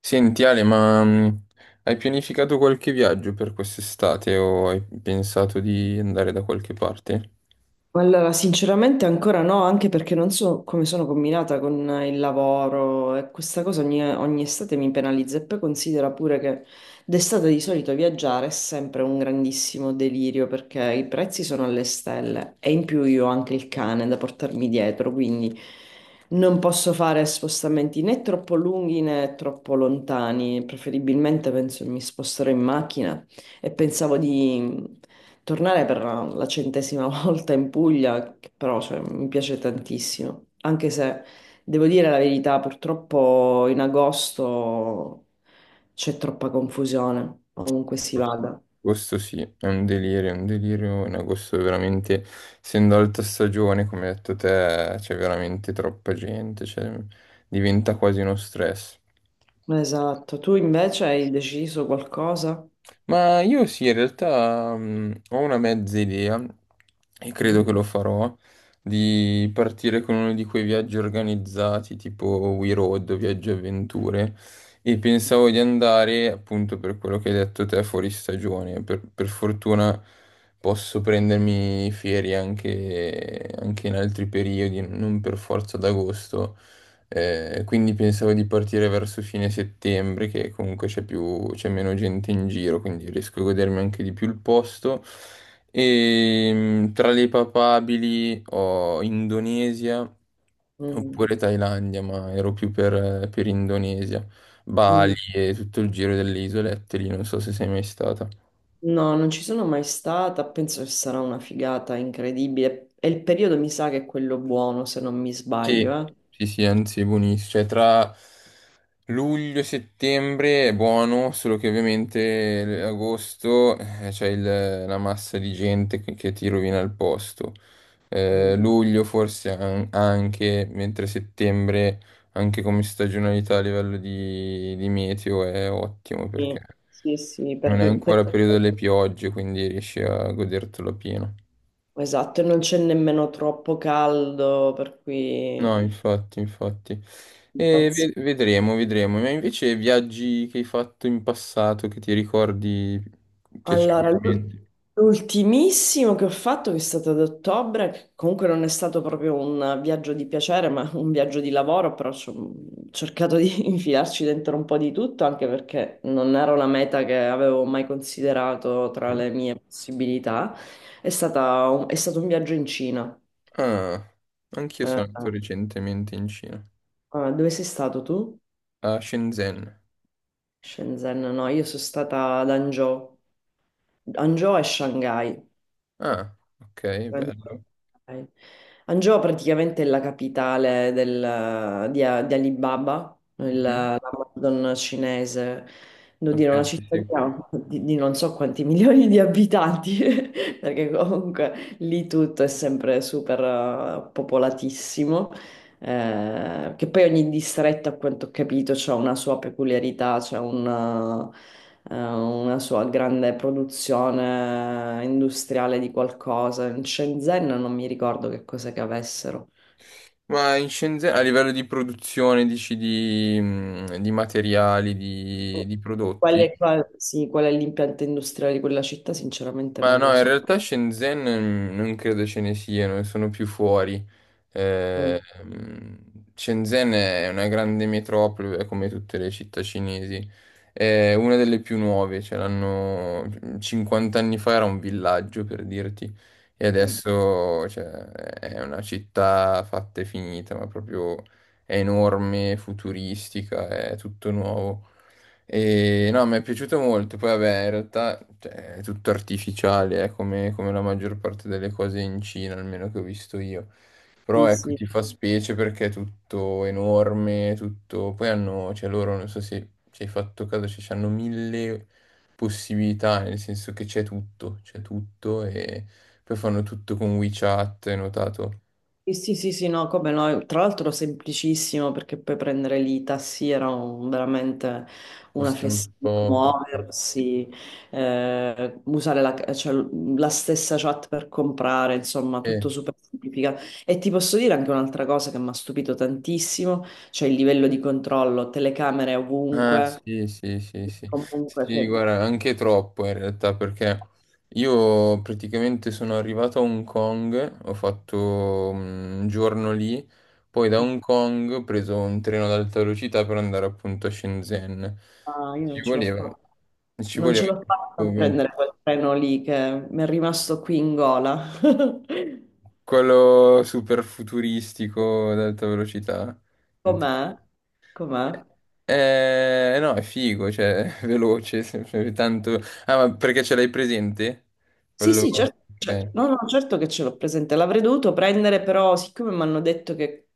Senti Ale, ma hai pianificato qualche viaggio per quest'estate o hai pensato di andare da qualche parte? Allora, sinceramente ancora no, anche perché non so come sono combinata con il lavoro e questa cosa ogni estate mi penalizza e poi considera pure che d'estate di solito viaggiare è sempre un grandissimo delirio perché i prezzi sono alle stelle e in più io ho anche il cane da portarmi dietro, quindi non posso fare spostamenti né troppo lunghi né troppo lontani, preferibilmente penso mi sposterò in macchina e pensavo di tornare per la 100ª volta in Puglia, che però cioè, mi piace tantissimo, anche se devo dire la verità, purtroppo in agosto c'è troppa confusione, ovunque si Agosto vada. Agosto sì, è un delirio, è un delirio. In agosto è veramente, essendo alta stagione, come hai detto te, c'è veramente troppa gente, cioè, diventa quasi uno stress. Esatto, tu invece hai deciso qualcosa? Ma io sì, in realtà ho una mezza idea e credo Mhm. che lo farò di partire con uno di quei viaggi organizzati tipo We Road o Viaggi e Avventure e pensavo di andare appunto per quello che hai detto te fuori stagione. Per fortuna posso prendermi ferie anche in altri periodi, non per forza ad agosto. Quindi pensavo di partire verso fine settembre, che comunque c'è meno gente in giro, quindi riesco a godermi anche di più il posto. E tra le papabili ho Indonesia Mm. oppure Thailandia, ma ero più per Indonesia, Bali Mm. e tutto il giro delle isolette lì, non so se sei mai stata. No, non ci sono mai stata, penso che sarà una figata incredibile. E il periodo mi sa che è quello buono, se non mi sbaglio, Sì, eh. sì, sì, anzi è buonissimo. Cioè, tra luglio e settembre è buono, solo che ovviamente agosto c'è la massa di gente che ti rovina il posto. Mm. Luglio forse anche, mentre settembre, anche come stagionalità a livello di meteo, è ottimo Sì, perché sì, sì, non è perché... ancora penso. periodo delle piogge, quindi riesci a godertelo pieno. Esatto, e non c'è nemmeno troppo caldo, per cui. No, infatti, infatti. Mm. E Infatti. Vedremo, vedremo. Ma invece viaggi che hai fatto in passato che ti ricordi Allora, piacevolmente? l'ultimissimo che ho fatto, che è stato ad ottobre, che comunque non è stato proprio un viaggio di piacere, ma un viaggio di lavoro, però ci ho cercato di infilarci dentro un po' di tutto, anche perché non era una meta che avevo mai considerato tra Ok. le mie possibilità. È stato un viaggio in Cina. Ah, anch'io Eh, sono andato recentemente in Cina, eh, dove sei stato tu? a Shenzhen. Shenzhen, no, io sono stata ad Hangzhou. Hangzhou è Shanghai. Ah, ok, bello. Shanghai. Hangzhou praticamente è la capitale di Alibaba, Mhm. l'Amazon cinese, devo dire una Ok, sì, sì. cittadina di non so quanti milioni di abitanti, perché comunque lì tutto è sempre super popolatissimo. Che poi ogni distretto, a quanto ho capito, ha una sua peculiarità, c'è una sua grande produzione industriale di qualcosa. In Shenzhen non mi ricordo che cosa che avessero. Ma in Shenzhen, a livello di produzione, dici di materiali, di Qual prodotti? è, sì, qual è l'impianto industriale di quella città? Sinceramente Ma non lo no, in so. realtà Shenzhen non credo ce ne siano, sono più fuori. Eh, Mm, mm, Shenzhen è una grande metropoli, è come tutte le città cinesi. È una delle più nuove, ce l'hanno 50 anni fa era un villaggio per dirti, e mm, adesso cioè, è una città fatta e finita, ma proprio è enorme, futuristica, è tutto nuovo. E no, mi è piaciuto molto. Poi, vabbè, in realtà cioè, è tutto artificiale, come la maggior parte delle cose in Cina, almeno che ho visto io. Però sì, ecco, sì. ti fa specie perché è tutto enorme, tutto. Poi hanno, cioè loro, non so se ci hai fatto caso, cioè, hanno mille possibilità, nel senso che c'è tutto e poi fanno tutto con WeChat, hai notato? Sì, sì, sì, sì, no, come no, tra l'altro semplicissimo perché puoi prendere lì i tassi, era veramente una Costa un festina, poco. muoversi, usare la, cioè, la stessa chat per comprare, insomma, tutto super semplificato. E ti posso dire anche un'altra cosa che mi ha stupito tantissimo, cioè il livello di controllo, telecamere Ah, ovunque, sì, sì, sì, sì. comunque, Sì, cioè, guarda, anche troppo in realtà, perché io praticamente sono arrivato a Hong Kong, ho fatto un giorno lì, poi da Hong Kong ho preso un treno ad alta velocità per andare appunto a Shenzhen. ah, io Ci non ce l'ho voleva, fatta. ci Non voleva ce l'ho fatta a come prendere quel treno lì che mi è rimasto qui in gola. quello super futuristico ad alta velocità. Com'è? Com'è? No, è figo, cioè, veloce, sempre tanto. Ah, ma perché ce l'hai presente? Sì, Quello. sì, certo, Ok. no, no, certo che ce l'ho presente. L'avrei dovuto prendere, però, siccome mi hanno detto che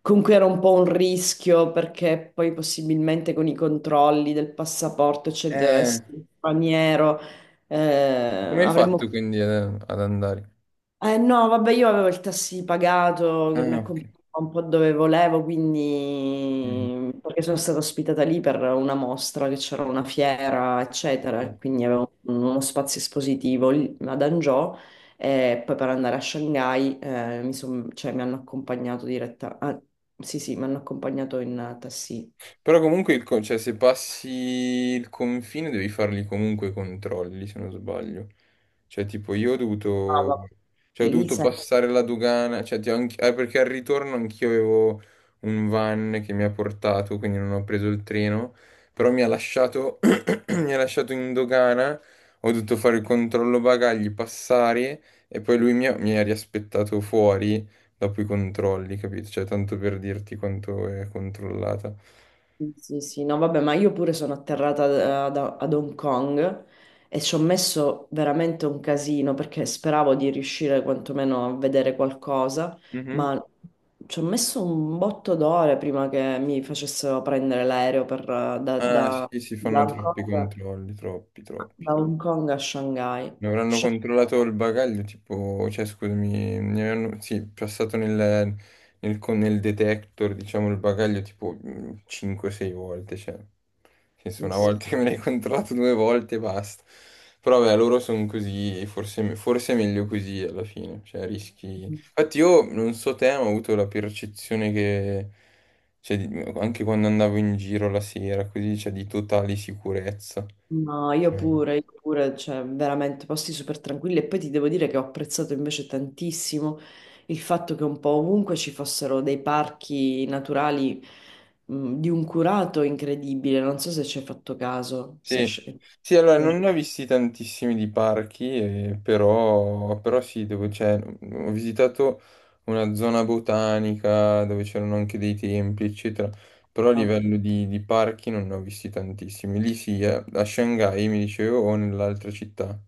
comunque era un po' un rischio, perché poi possibilmente con i controlli del passaporto, eccetera, Eh, essere straniero, eh, Come hai avremmo. fatto quindi ad andare? No, vabbè, io avevo il taxi pagato che mi Ah, ok. accompagnava un po' dove volevo, quindi perché sono stata ospitata lì per una mostra che c'era una fiera, eccetera, Mhm. e quindi avevo uno spazio espositivo lì ad Hangzhou e poi per andare a Shanghai cioè, mi hanno accompagnato diretta. Ah, sì, sì, mi hanno accompagnato in taxi. Però comunque, cioè, se passi il confine devi farli comunque i controlli, se non sbaglio. Cioè, tipo, Ah, cioè, ho lì dovuto passare la dogana, cioè, perché al ritorno anch'io avevo un van che mi ha portato, quindi non ho preso il treno, però mi ha lasciato, mi ha lasciato in dogana, ho dovuto fare il controllo bagagli, passare, e poi lui mi ha riaspettato fuori dopo i controlli, capito? Cioè, tanto per dirti quanto è controllata. sì, sì, sì, no, vabbè, ma io pure sono atterrata ad Hong Kong e ci ho messo veramente un casino perché speravo di riuscire quantomeno a vedere qualcosa, Mhm. ma ci ho messo un botto d'ore prima che mi facessero prendere l'aereo per, da, Ah, da- sì, si da fanno Hong troppi Kong, controlli, troppi, troppi. da Hong Kong a Shanghai. Mi avranno Shanghai, controllato il bagaglio, tipo, cioè scusami, mi avranno, sì, passato nel detector, diciamo, il bagaglio tipo 5-6 volte, cioè, nel senso, una sì, volta che me l'hai controllato due volte e basta. Però vabbè, loro sono così, forse è meglio così alla fine, cioè rischi. sì. Infatti io, non so te, ma ho avuto la percezione che, cioè, anche quando andavo in giro la sera, così, cioè, di totale sicurezza. No, io pure, cioè veramente posti super tranquilli e poi ti devo dire che ho apprezzato invece tantissimo il fatto che un po' ovunque ci fossero dei parchi naturali di un curato incredibile, non so se ci hai fatto caso, se hai Sì, sì, allora se non hai ne ho visti tantissimi di parchi, però sì, dove c'è, ho visitato una zona botanica dove c'erano anche dei templi, eccetera, però a fatto. livello di parchi non ne ho visti tantissimi. Lì sì, a Shanghai mi dicevo o nell'altra città,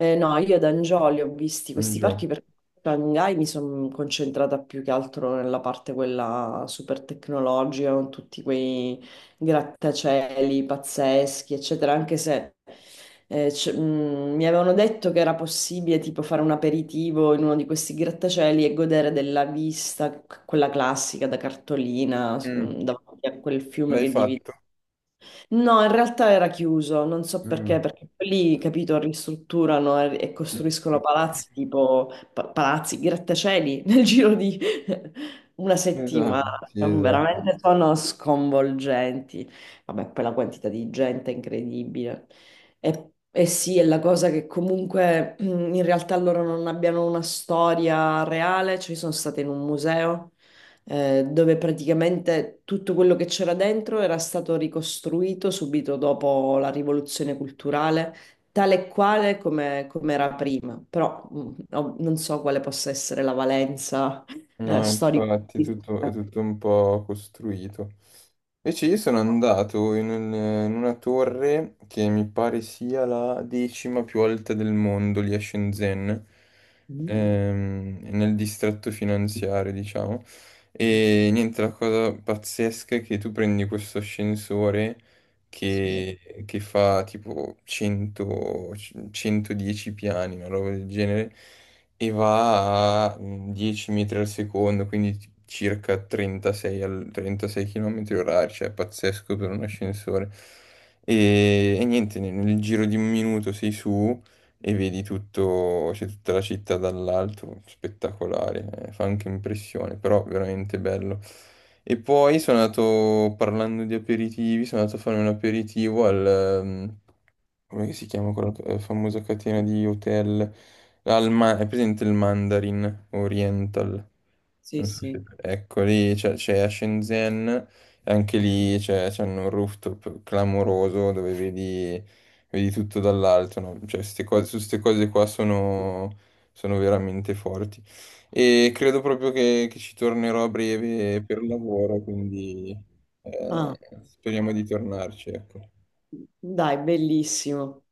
No, io ad Angioli ho visti questi Hangzhou. parchi perché a Shanghai mi sono concentrata più che altro nella parte quella super tecnologica, con tutti quei grattacieli pazzeschi, eccetera, anche se mi avevano detto che era possibile tipo fare un aperitivo in uno di questi grattacieli e godere della vista, quella classica da cartolina, Mm, davanti a quel fiume L'hai che divide. fatto? No, in realtà era chiuso, non so Mm. perché, perché lì, capito, ristrutturano e costruiscono palazzi tipo palazzi, grattacieli nel giro di una settimana. Esatto, sì, esatto. Veramente sono sconvolgenti. Vabbè, poi la quantità di gente è incredibile. E sì, è la cosa che comunque mm, in realtà loro non abbiano una storia reale, cioè sono state in un museo dove praticamente tutto quello che c'era dentro era stato ricostruito subito dopo la rivoluzione culturale, tale e quale come, come era prima. Però non so quale possa essere la valenza No, storica. infatti è tutto un po' costruito. Invece io sono andato in una torre che mi pare sia la decima più alta del mondo, lì a Shenzhen, Mm. Nel distretto finanziario, diciamo. E niente, la cosa pazzesca è che tu prendi questo ascensore Sì, che fa tipo 100, 110 piani, una roba del genere, e va a 10 metri al secondo, quindi circa 36 km orari, cioè è pazzesco per un ascensore. E niente, nel giro di un minuto sei su e vedi tutto, c'è tutta la città dall'alto, spettacolare, fa anche impressione, però veramente bello. E poi sono andato, parlando di aperitivi, sono andato a fare un aperitivo come si chiama quella famosa catena di hotel? È presente il Mandarin Oriental? sì, Non so se- sì. Ecco, lì c'è a Shenzhen, e anche lì c'è un rooftop clamoroso dove vedi tutto dall'alto, no? Cioè, su queste cose qua sono veramente forti. E credo proprio che ci tornerò a breve per lavoro, quindi eh, Ah, speriamo di tornarci, ecco. dai, bellissimo.